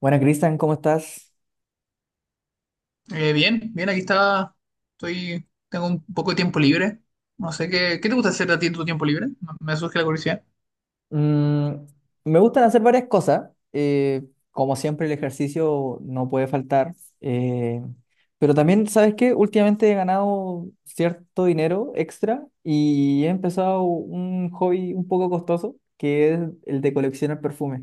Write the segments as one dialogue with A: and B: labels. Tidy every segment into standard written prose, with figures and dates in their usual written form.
A: Buenas, Cristian, ¿cómo estás?
B: Bien, bien, aquí está. Tengo un poco de tiempo libre. No sé qué, ¿Qué te gusta hacer a ti en tu tiempo libre? No, me surge la curiosidad.
A: Mm, me gustan hacer varias cosas. Como siempre, el ejercicio no puede faltar. eh, pero también, ¿sabes qué? Últimamente he ganado cierto dinero extra y he empezado un hobby un poco costoso, que es el de coleccionar perfumes.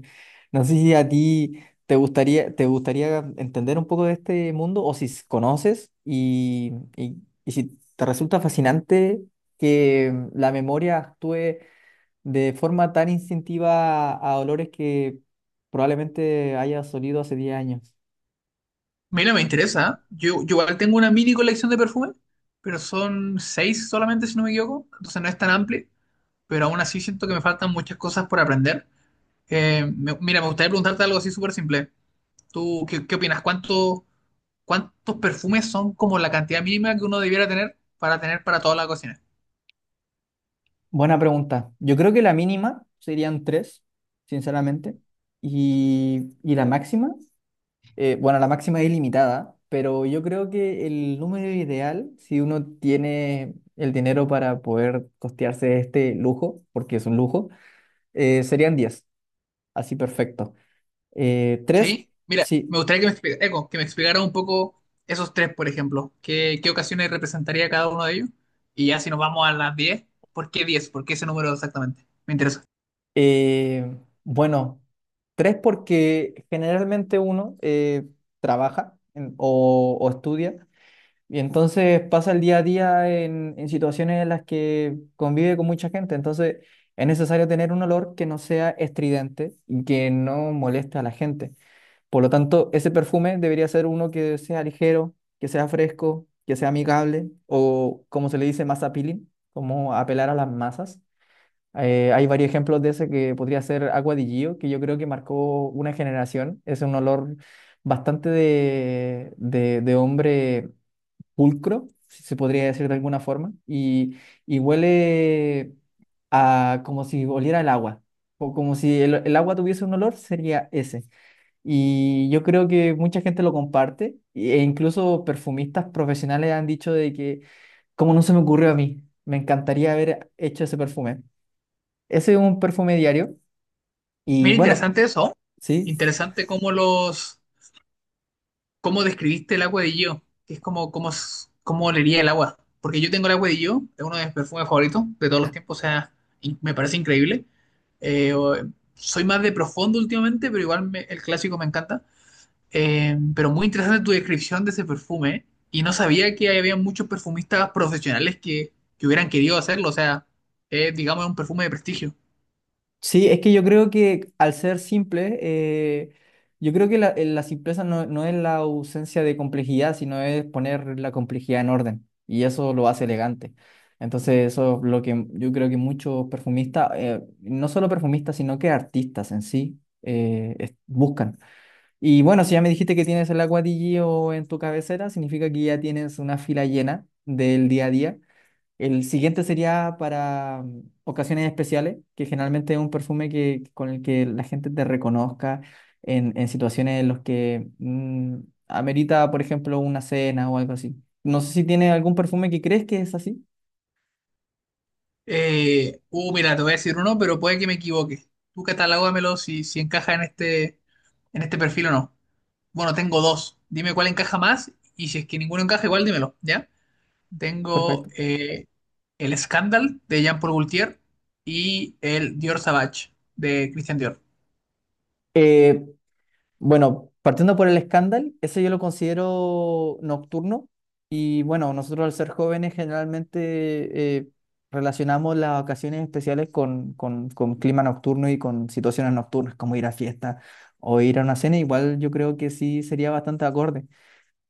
A: No sé si a ti te gustaría entender un poco de este mundo o si conoces y si te resulta fascinante que la memoria actúe de forma tan instintiva a olores que probablemente haya olido hace 10 años?
B: Mira, me interesa. ¿Eh? Yo igual tengo una mini colección de perfumes, pero son seis solamente, si no me equivoco. Entonces no es tan amplio, pero aún así siento que me faltan muchas cosas por aprender. Mira, me gustaría preguntarte algo así súper simple. ¿Tú qué opinas? ¿Cuántos perfumes son como la cantidad mínima que uno debiera tener para tener para toda la cocina?
A: Buena pregunta. Yo creo que la mínima serían tres, sinceramente. Y la máxima, bueno, la máxima es ilimitada, pero yo creo que el número ideal, si uno tiene el dinero para poder costearse este lujo, porque es un lujo, serían 10, así perfecto. Tres,
B: Sí, mira, me
A: sí.
B: gustaría que me explicara un poco esos tres, por ejemplo. ¿Qué ocasiones representaría cada uno de ellos? Y ya si nos vamos a las 10, ¿por qué 10? ¿Por qué ese número exactamente? Me interesa.
A: Eh, bueno, tres porque generalmente uno trabaja o estudia y entonces pasa el día a día en situaciones en las que convive con mucha gente. Entonces es necesario tener un olor que no sea estridente y que no moleste a la gente. Por lo tanto, ese perfume debería ser uno que sea ligero, que sea fresco, que sea amigable o como se le dice, más appealing, como apelar a las masas. Hay varios ejemplos de ese que podría ser Agua di Gio, que yo creo que marcó una generación. Es un olor bastante de hombre pulcro, si se podría decir de alguna forma, y huele a, como si oliera el agua, o como si el agua tuviese un olor, sería ese. Y yo creo que mucha gente lo comparte, e incluso perfumistas profesionales han dicho de que, como no se me ocurrió a mí, me encantaría haber hecho ese perfume. Ese es un perfume diario. Y
B: Mira,
A: bueno,
B: interesante eso.
A: sí.
B: Interesante cómo cómo describiste el agua de Gio, que es cómo olería el agua. Porque yo tengo el agua de Gio, es uno de mis perfumes favoritos de todos los tiempos, o sea, me parece increíble. Eh, o- Soy más de profundo últimamente, pero igual el clásico me encanta. Pero muy interesante tu descripción de ese perfume. Y no sabía que había muchos perfumistas profesionales que hubieran querido hacerlo. O sea, es, digamos, un perfume de prestigio.
A: Sí, es que yo creo que al ser simple, yo creo que la simpleza no, no es la ausencia de complejidad, sino es poner la complejidad en orden. Y eso lo hace elegante. Entonces, eso es lo que yo creo que muchos perfumistas, no solo perfumistas, sino que artistas en sí, buscan. Y bueno, si ya me dijiste que tienes el Aqua di Gio en tu cabecera, significa que ya tienes una fila llena del día a día. El siguiente sería para ocasiones especiales, que generalmente es un perfume que, con el que la gente te reconozca en situaciones en las que amerita, por ejemplo, una cena o algo así. No sé si tiene algún perfume que crees que es así.
B: Mira, te voy a decir uno, pero puede que me equivoque. Tú catalógamelo si encaja en este perfil o no. Bueno, tengo dos. Dime cuál encaja más y si es que ninguno encaja, igual dímelo, ¿ya? Tengo
A: Perfecto.
B: el Scandal de Jean-Paul Gaultier y el Dior Sauvage de Christian Dior.
A: Eh, Bueno, partiendo por el escándalo, ese yo lo considero nocturno y bueno, nosotros al ser jóvenes generalmente relacionamos las ocasiones especiales con clima nocturno y con situaciones nocturnas como ir a fiesta o ir a una cena, igual yo creo que sí sería bastante acorde.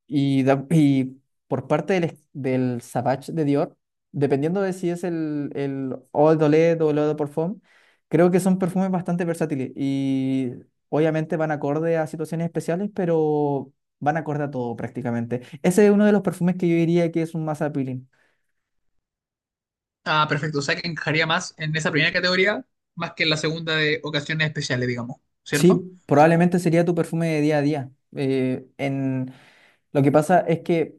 A: Y por parte del Savage de Dior, dependiendo de si es el Eau de Toilette o el Eau de Parfum, creo que son perfumes bastante versátiles y obviamente van acorde a situaciones especiales, pero van acorde a todo prácticamente. Ese es uno de los perfumes que yo diría que es un más appealing.
B: Ah, perfecto. O sea que encajaría más en esa primera categoría, más que en la segunda de ocasiones especiales, digamos, ¿cierto?
A: Sí, probablemente sería tu perfume de día a día. Lo que pasa es que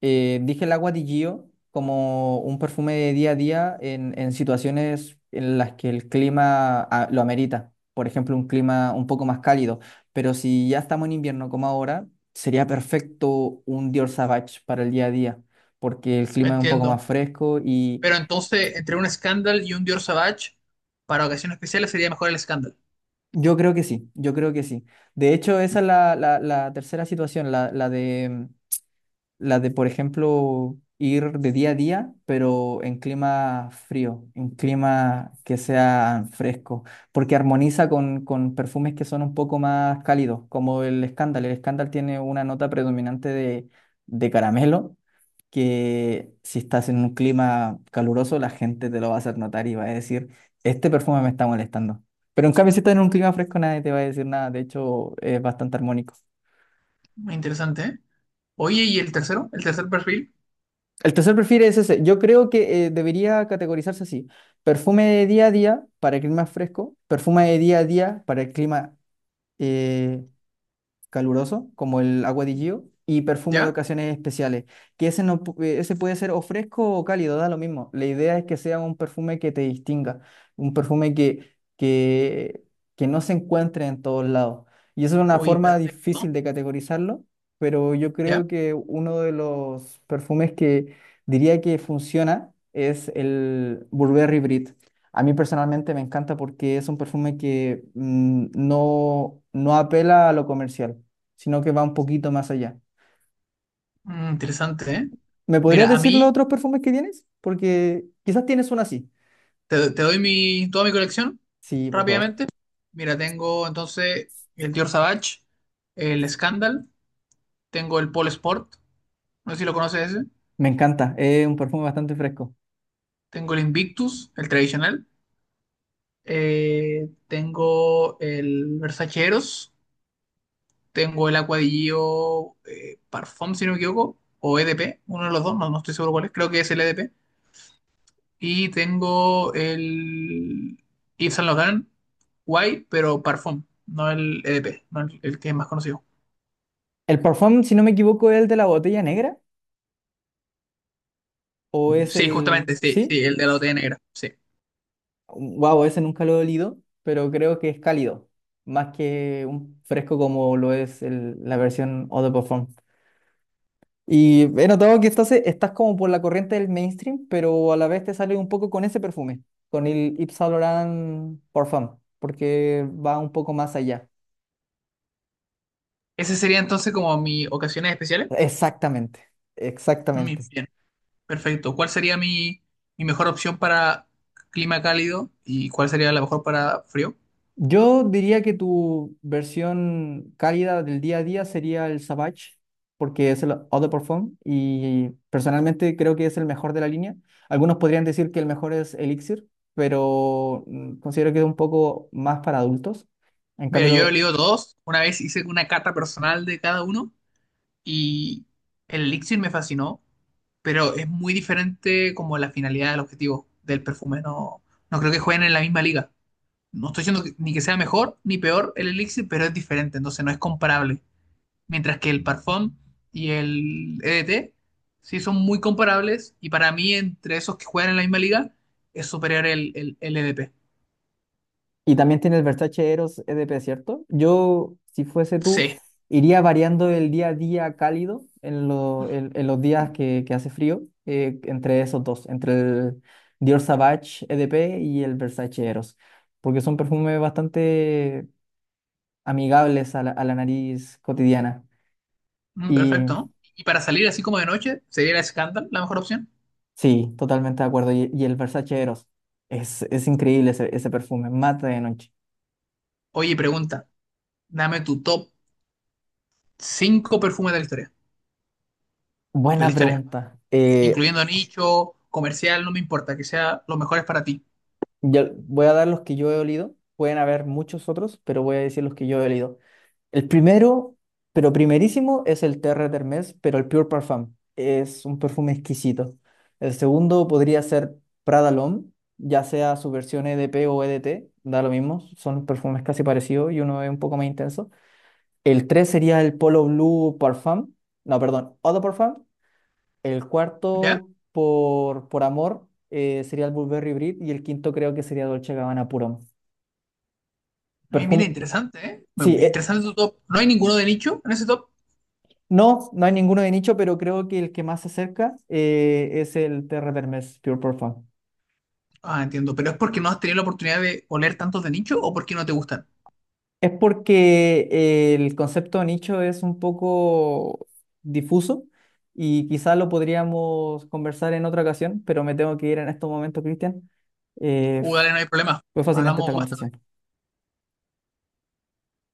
A: dije el agua di Gio como un perfume de día a día en situaciones en las que el clima lo amerita. Por ejemplo, un clima un poco más cálido. Pero si ya estamos en invierno como ahora, sería perfecto un Dior Sauvage para el día a día, porque el clima es un poco más
B: Entiendo.
A: fresco y
B: Pero entonces, entre un Scandal y un Dior Savage, para ocasiones especiales sería mejor el Scandal.
A: yo creo que sí, yo creo que sí. De hecho, esa es la tercera situación, la de, por ejemplo, ir de día a día, pero en clima frío, en clima que sea fresco, porque armoniza con perfumes que son un poco más cálidos, como el Scandal. El Scandal tiene una nota predominante de caramelo, que si estás en un clima caluroso, la gente te lo va a hacer notar y va a decir, este perfume me está molestando. Pero en cambio, si estás en un clima fresco, nadie te va a decir nada. De hecho, es bastante armónico.
B: Interesante, ¿eh? Oye, ¿y el tercero? ¿El tercer perfil?
A: El tercer perfil es ese. Yo creo que debería categorizarse así. Perfume de día a día para el clima fresco, perfume de día a día para el clima eh, caluroso, como el agua di Gio, y perfume de
B: ¿Ya?
A: ocasiones especiales, que ese, no, ese puede ser o fresco o cálido, da lo mismo. La idea es que sea un perfume que te distinga, un perfume que no se encuentre en todos lados. Y eso es una
B: Oye,
A: forma
B: perfecto.
A: difícil de categorizarlo, pero yo
B: ¿Ya?
A: creo que uno de los perfumes que diría que funciona es el Burberry Brit. A mí personalmente me encanta porque es un perfume que no, no apela a lo comercial sino que va un poquito más allá.
B: Mm, interesante, ¿eh?
A: ¿Me podrías
B: Mira, a
A: decir los
B: mí,
A: otros perfumes que tienes? Porque quizás tienes uno así.
B: te doy toda mi colección
A: Sí, por favor.
B: rápidamente. Mira, tengo entonces el Dior Savage, el Scandal, tengo el Paul Sport, no sé si lo conoces ese.
A: Me encanta, es un perfume bastante fresco.
B: Tengo el Invictus, el tradicional. Tengo el Versace Eros. Tengo el Aqua di Gio, Parfum, si no me equivoco. O EDP, uno de los dos, no estoy seguro cuál es. Creo que es el EDP. Y tengo el Yves Saint Laurent White, pero Parfum, no el EDP, no el que es más conocido.
A: El perfume, si no me equivoco, es el de la botella negra o es
B: Sí,
A: el...
B: justamente, sí, sí,
A: ¿Sí?
B: el de la botella negra. Sí.
A: Wow, ese nunca lo he olido, pero creo que es cálido, más que un fresco como lo es la versión Eau de Parfum. Y he notado que estás como por la corriente del mainstream, pero a la vez te sale un poco con ese perfume, con el Yves Saint Laurent Parfum, porque va un poco más allá.
B: Ese sería entonces como mis ocasiones especiales.
A: Exactamente, exactamente.
B: Mis Perfecto. ¿Cuál sería mi mejor opción para clima cálido y cuál sería la mejor para frío?
A: Yo diría que tu versión cálida del día a día sería el Savage, porque es el eau de parfum y personalmente creo que es el mejor de la línea. Algunos podrían decir que el mejor es Elixir, pero considero que es un poco más para adultos. En
B: Mira, yo he
A: cambio.
B: olido dos. Una vez hice una cata personal de cada uno y el elixir me fascinó, pero es muy diferente como la finalidad, el objetivo del perfume. No, no creo que jueguen en la misma liga. No estoy diciendo ni que sea mejor ni peor el elixir, pero es diferente, entonces no es comparable. Mientras que el Parfum y el EDT sí son muy comparables y para mí entre esos que juegan en la misma liga es superior el EDP.
A: Y también tiene el Versace Eros EDP, ¿cierto? Yo, si fuese tú,
B: Sí,
A: iría variando el día a día cálido en los días que hace frío, entre esos dos, entre el Dior Sauvage EDP y el Versace Eros, porque son perfumes bastante amigables a la nariz cotidiana.
B: mm,
A: Y
B: perfecto, ¿no? Y para salir así como de noche, ¿sería el Scandal la mejor opción?
A: sí, totalmente de acuerdo. Y el Versace Eros, es increíble ese perfume, mata de noche.
B: Oye, pregunta, dame tu top 5 perfumes de la historia, de
A: Buena
B: la historia,
A: pregunta.
B: incluyendo nicho, comercial, no me importa, que sea los mejores para ti.
A: Ya voy a dar los que yo he olido. Pueden haber muchos otros, pero voy a decir los que yo he olido. El primero, pero primerísimo, es el Terre d'Hermès, pero el Pure Parfum. Es un perfume exquisito. El segundo podría ser Prada L'Homme, ya sea su versión EDP o EDT, da lo mismo. Son perfumes casi parecidos y uno es un poco más intenso. El tres sería el Polo Blue Parfum. No, perdón, Eau de Parfum. El
B: ¿Ya?
A: cuarto, por amor, sería el Burberry Brit y el quinto creo que sería Dolce Gabbana Puro.
B: Mira,
A: Perfume,
B: interesante, ¿eh?
A: sí,
B: Interesante tu top. ¿No hay ninguno de nicho en ese top?
A: no, no hay ninguno de nicho, pero creo que el que más se acerca es el Terre d'Hermès Pure Perfume.
B: Ah, entiendo. ¿Pero es porque no has tenido la oportunidad de oler tantos de nicho o porque no te gustan?
A: Es porque el concepto de nicho es un poco difuso y quizás lo podríamos conversar en otra ocasión, pero me tengo que ir en estos momentos, Cristian. Eh,
B: Dale, no hay problema.
A: Fue fascinante esta
B: Hablamos más
A: conversación.